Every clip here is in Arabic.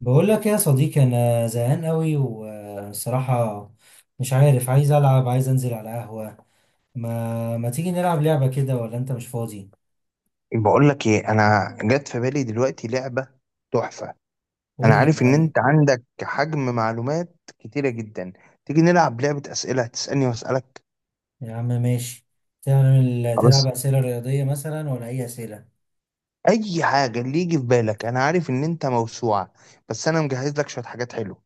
بقول لك يا صديقي، انا زهقان قوي والصراحه مش عارف، عايز العب عايز انزل على قهوه. ما تيجي نلعب لعبه كده، ولا انت مش فاضي؟ بقول لك ايه، انا جت في بالي دلوقتي لعبه تحفه. انا قول لي يا عارف ان معلم. انت عندك حجم معلومات كتيره جدا. تيجي نلعب لعبه اسئله، هتسالني واسالك. يا عم ماشي. تعمل تلعب خلاص، اسئله رياضيه مثلا، ولا اي اسئله؟ اي حاجه اللي يجي في بالك. انا عارف ان انت موسوعه. بس انا مجهز لك شويه حاجات حلوه.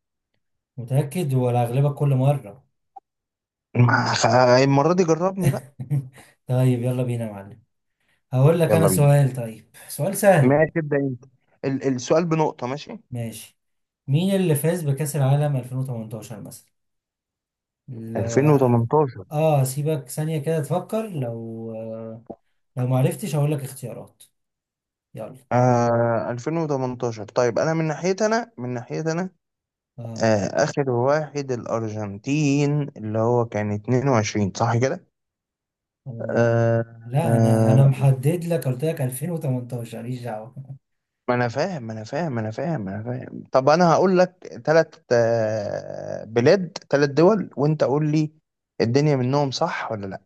متاكد ولا اغلبك كل مره؟ ما- خ- المره دي جربني بقى. طيب يلا بينا يا معلم. هقول لك يلا انا بينا. سؤال، طيب سؤال سهل. ماشي تبدا انت. السؤال بنقطه، ماشي. ماشي، مين اللي فاز بكأس العالم 2018 مثلا؟ لو 2018. اه، سيبك ثانية كده تفكر. لو لو ما عرفتش هقول لك اختيارات. يلا. 2018. طيب انا من ناحيتي، انا. اه. آخر واحد الأرجنتين اللي هو كان 22، صح كده؟ آه، آه لا، انا آه انا محدد لك، قلت لك 2018، ماليش دعوه. ما أنا فاهم ما أنا فاهم ما أنا فاهم ما أنا فاهم طب أنا هقول لك تلات آه بلاد تلات دول وأنت قول لي، الدنيا منهم صح ولا لأ؟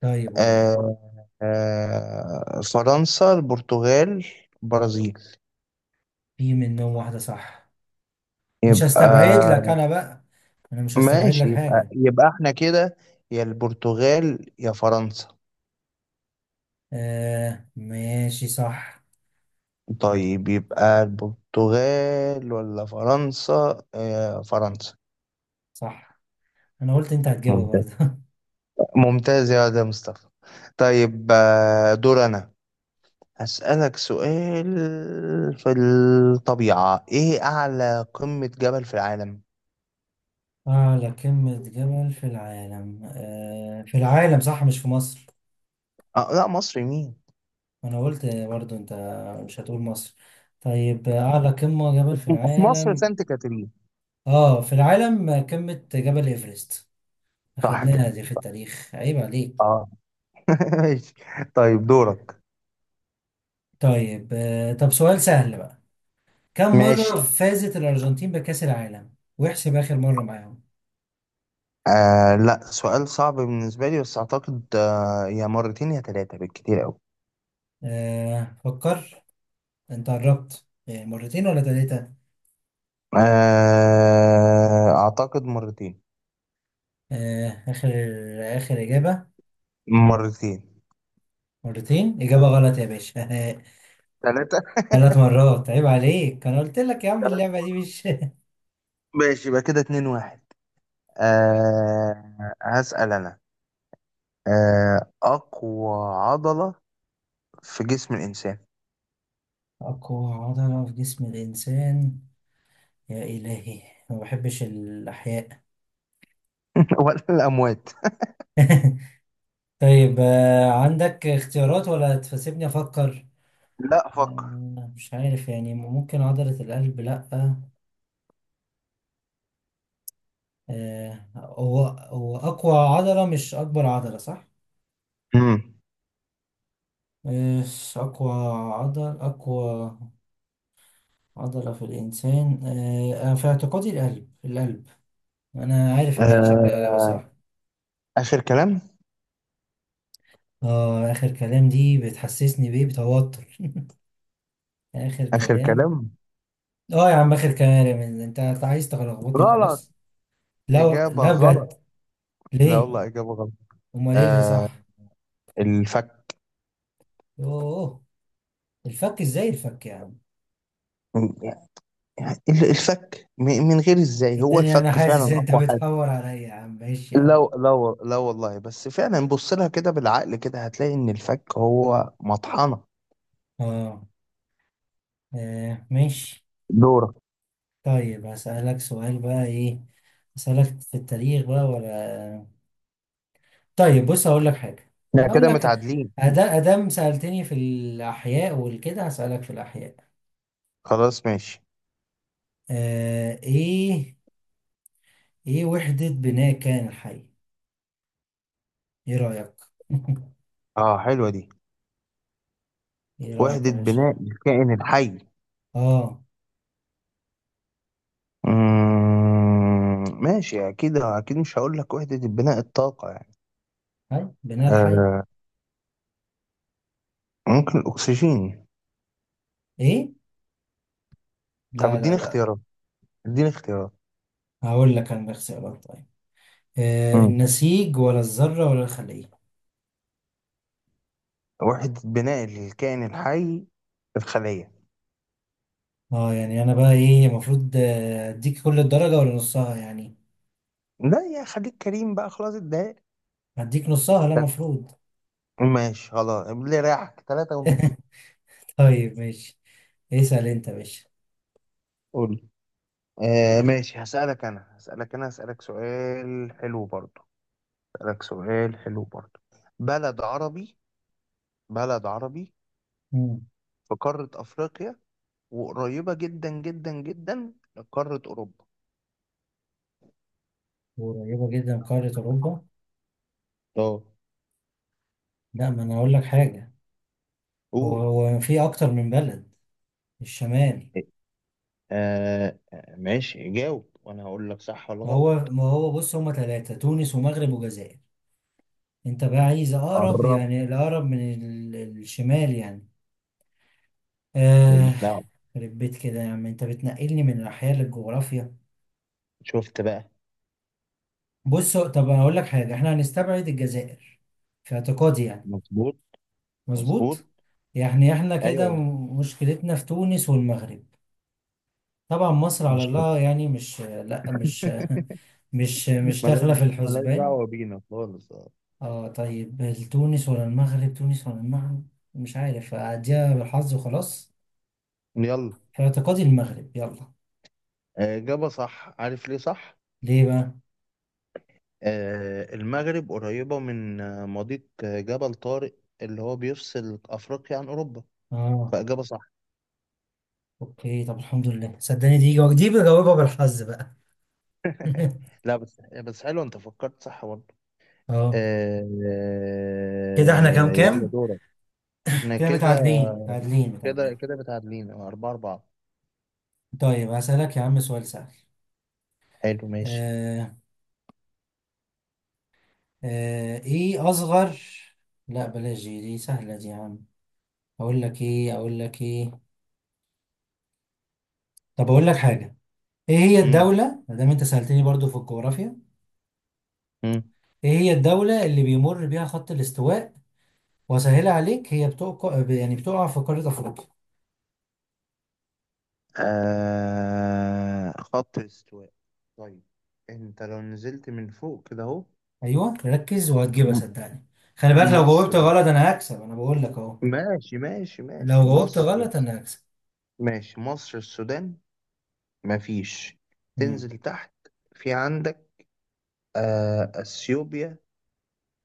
طيب قول لي. آه فرنسا، البرتغال، برازيل. في منهم واحده صح. مش يبقى، هستبعد لك انا بقى، انا مش هستبعد ماشي لك يبقى حاجه. يبقى احنا كده، يا البرتغال يا فرنسا. آه ماشي، صح. طيب يبقى البرتغال ولا فرنسا؟ فرنسا. صح. انا قلت انت هتجيبها ممتاز، برضه. ممتاز يا ده مصطفى. طيب، دور أنا. هسألك سؤال. في الطبيعة، إيه أعلى قمة جبل في العالم؟ اعلى قمه جبل في العالم، في العالم صح، مش في مصر؟ لا، مصر مين؟ انا قلت برضه انت مش هتقول مصر. طيب، اعلى قمه جبل في في مصر العالم؟ سانت كاترين. اه، في العالم قمة جبل ايفرست. صح كده. اخدناها دي في التاريخ، عيب عليك. اه. ماشي. طيب دورك. طيب طب سؤال سهل بقى. كم مرة ماشي. فازت الأرجنتين بكأس العالم، واحسب آخر مرة معاهم. لا، سؤال صعب بالنسبة لي، بس أعتقد يا مرتين يا ثلاثة، بالكتير أوي. آه فكر. انت قربت. مرتين ولا ثلاثة؟ أعتقد مرتين. آه آخر، آخر إجابة. مرتين. مرتين، إجابة غلط يا باشا. ثلاثة. ثلاث مرات، عيب عليك. أنا قلت لك يا عم اللعبة دي مش ماشي، يبقى كده 2-1. يعني هسأل أنا. أقوى عضلة في جسم الإنسان؟ أقوى عضلة في جسم الإنسان. يا إلهي، ما بحبش الأحياء. ولا الأموات؟ طيب عندك اختيارات ولا تسيبني افكر؟ لا، فكر. مش عارف يعني، ممكن عضلة القلب؟ لأ، هو أقوى عضلة، مش أكبر عضلة صح؟ امم آه، أقوى أقوى عضلة في الإنسان، أنا في اعتقادي القلب، القلب. أنا عارف إن هي شكلها أه إجابة صح. آخر كلام. آه، آخر كلام دي بتحسسني بإيه، بتوتر. آخر آخر كلام. كلام. آه يا عم آخر كلام، أنت عايز تلخبطني غلط. وخلاص. لا إجابة لا غلط. بجد. لا ليه؟ والله، إجابة غلط. امال ايه اللي أه صح؟ الفك. يوه، الفك؟ ازاي الفك يا عم؟ ال- الفك من غير إزاي، هو صدقني انا الفك فعلا حاسس ان انت أقوى. بتحور عليا. يا عم ماشي يا عم. لا لا، لا والله، بس فعلا بص لها كده بالعقل، كده هتلاقي ان الفك هو مطحنة. اه، ماشي. دورة. طيب هسألك سؤال بقى، ايه؟ هسألك في التاريخ بقى، ولا طيب بص هقول لك حاجة. احنا هقول كده لك متعادلين. ادام سألتني في الاحياء والكده، هسألك في الاحياء. خلاص ماشي. آه ايه، ايه وحدة بناء كان الحي؟ ايه رأيك؟ اه، حلوة دي. ايه رأيك وحدة يا بناء باشا؟ الكائن الحي. اه، ماشي، اكيد اكيد مش هقول لك وحدة البناء الطاقة يعني. ها بناء الحي؟ آه ممكن الاكسجين. ايه؟ طب لا لا اديني لا اختيارات، اديني اختيارات. هقول لك انا الاختيارات، طيب. آه، مم. النسيج ولا الذرة ولا الخلية؟ وحدة بناء الكائن الحي، الخلية. اه يعني انا بقى ايه المفروض، اديك كل الدرجة ولا نصها يعني؟ لا يا، خليك كريم بقى، خلاص اتضايق. هديك نصها، لا مفروض. ماشي خلاص، اللي رايحك تلاتة ونص. طيب ماشي، اسأل انت يا باشا. قول. ماشي، هسألك سؤال حلو برضو. هسألك سؤال حلو برضو بلد عربي، بلد عربي، مم. في قارة أفريقيا، وقريبة جدا جدا جدا لقارة أوروبا. قريبة جدا من قارة اوروبا؟ اه. لا، ما انا اقول لك حاجة. هو قول. هو في اكتر من بلد الشمال. ماشي، جاوب وانا هقول لك صح ولا ما هو غلط. ما هو بص، هما ثلاثة: تونس ومغرب وجزائر. انت بقى عايز اقرب، قربت. يعني الاقرب من الشمال يعني. آه. ماليش دعوه. خرب بيت كده يا عم، انت بتنقلني من الأحياء للجغرافيا. شفت بقى. بص طب أقول لك حاجة، احنا هنستبعد الجزائر، في اعتقادي يعني. مظبوط. مظبوط. مظبوط. يعني احنا كده ايوه. مشكلتنا في تونس والمغرب. طبعا مصر على مش، الله يعني، مش لا مش مش مش داخلة في مالك الحسبان. دعوه بينا خالص. اه طيب، تونس ولا المغرب؟ تونس ولا المغرب؟ مش عارف، أديها بالحظ وخلاص. يلا. في اعتقادي المغرب، يلا. اجابه صح، عارف ليه صح؟ ليه بقى؟ المغرب قريبة من مضيق جبل طارق، اللي هو بيفصل أفريقيا عن أوروبا. اه. فإجابة صح. اوكي، طب الحمد لله. صدقني دي دي بجاوبها بالحظ بقى. لا، بس حلو، أنت فكرت صح برضه. اه. كده احنا كام يلا كام؟ دورك. احنا كده كده متعادلين. كده كده متعادلين، 4-4. طيب هسألك يا عم سؤال سهل. حلو ماشي. آه. آه ايه اصغر، لا بلاش دي، سهلة دي يا عم. اقول لك ايه، اقول لك ايه، طب اقول لك حاجة. ايه هي مم. الدولة، ما دام انت سألتني برضو في الجغرافيا. مم. ايه هي الدولة اللي بيمر بيها خط الاستواء؟ وسهلة عليك، هي بتقع يعني بتقع في قارة افريقيا. خط الاستواء. طيب، أنت لو نزلت من فوق كده أهو. ايوه ركز وهتجيبها م- صدقني. خلي بالك، لو جاوبت مصر. غلط انا هكسب، انا بقول لك اهو. ماشي ماشي لو ماشي، جاوبت مصر. غلط انا هكسب. ماشي، مصر، السودان. مفيش. امم. تنزل تحت. في عندك اثيوبيا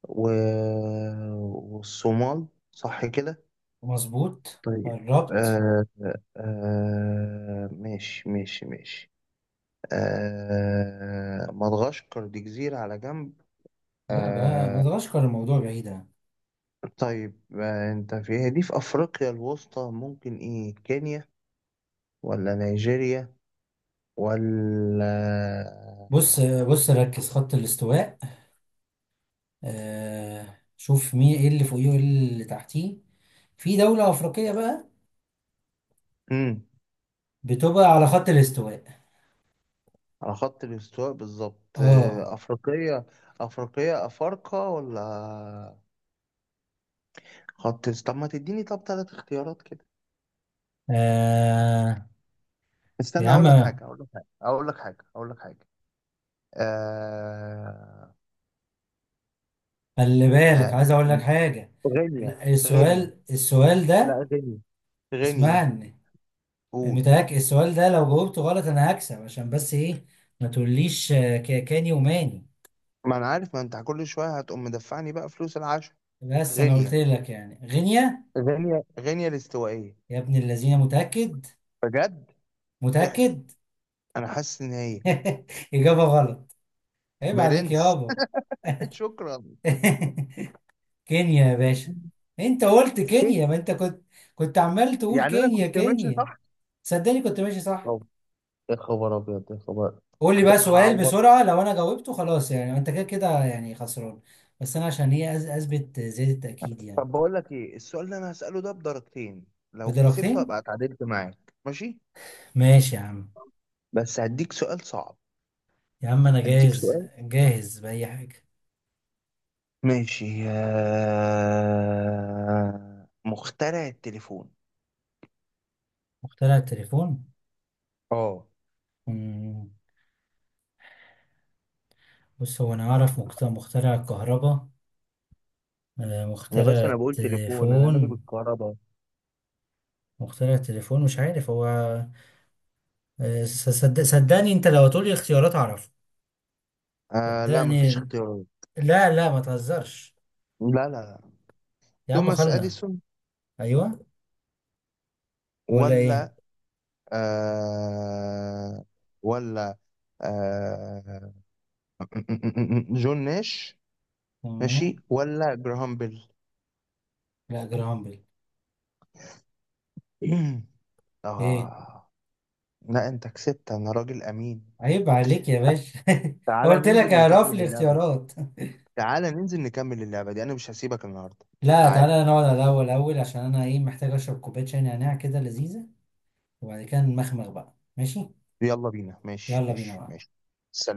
و... والصومال، صح كده؟ مظبوط، طيب. قربت. آه ماشي ماشي ماشي. مدغشقر دي جزيرة على جنب. لا بقى، ما آه تغشكر، الموضوع بعيد يعني. طيب، انت فيها دي في افريقيا الوسطى، ممكن ايه؟ كينيا ولا نيجيريا ولا... بص ركز خط الاستواء. آه شوف مين ايه اللي فوقيه وايه اللي تحتيه. في دولة أفريقية بقى مم. بتبقى على خط الاستواء. على خط الاستواء بالظبط، اه. أفريقية. أفريقية، أفارقة، ولا... طب ما تديني، طب تلات اختيارات كده. آه، يا استنى، عم أقول لك حاجة أقول لك حاجة أقول لك حاجة أقول لك حاجة. آه... خلي بالك، آه... عايز اقول لك حاجة. غينيا. لا، غينيا، السؤال ده لا غينيا، غينيا. اسمعني. قول. متهيألك السؤال ده لو جاوبته غلط انا هكسب، عشان بس ايه ما تقوليش، كاني وماني. ما أنا عارف، ما أنت كل شوية هتقوم مدفعني بقى فلوس العشاء. بس انا قلت غينيا، لك يعني غينيا. غينيا، غينيا الاستوائية. يا ابن الذين متأكد؟ بجد. إح... متأكد. أنا حاسس إن هي... إجابة غلط، عيب عليك برنس. يابا. شكرا. كينيا يا باشا. انت قلت كينيا، ما انت كنت، كنت عمال تقول يعني أنا كينيا كنت ماشي كينيا. صح. صدقني كنت ماشي صح. أو... يا خبر أبيض يا خبر. قول لي بقى سؤال هعوض. بسرعة، لو انا جاوبته خلاص يعني انت كده كده يعني خسران. بس انا عشان ايه اثبت زيادة التأكيد يعني. طب بقول لك ايه، السؤال اللي انا هسأله ده بدرجتين، لو كسبت ابقى بدرجتين؟ اتعادلت معاك، ماشي؟ ماشي يا عم. بس هديك سؤال صعب. يا عم انا هديك جاهز، سؤال. جاهز بأي حاجة. ماشي. مخترع التليفون؟ مخترع التليفون؟ اه مم. بص هو انا اعرف مخترع الكهرباء. آه، يا مخترع باشا، انا بقول تليفون، انا مالي التليفون. بالكهرباء. مخترع التليفون مش عارف هو. آه، صدقني انت لو هتقولي اختيارات اعرف. لا، مفيش صدقني، اختيارات. لا لا ما تهزرش. لا لا لا. يا عم توماس خلنا. اديسون؟ ايوه. ولا ايه؟ ولا آه ولا آه جون ناش؟ ماشي، تمام. ولا جراهام بيل؟ لا، جرام بيل. ايه؟ آه لا، أنت كسبت، أنا راجل أمين. عيب عليك يا باشا. تعالى قلت لك ننزل اعرف نكمل لي اللعبة دي. اختيارات. تعالى ننزل نكمل اللعبة دي، أنا مش هسيبك النهاردة. لا، تعالى. تعالى نقعد على الأول الأول، عشان أنا إيه محتاج أشرب كوباية شاي نعناع كده لذيذة، وبعد كده نمخمخ بقى ماشي. يلا بينا، ماشي يلا بينا ماشي بقى. ماشي. سلام.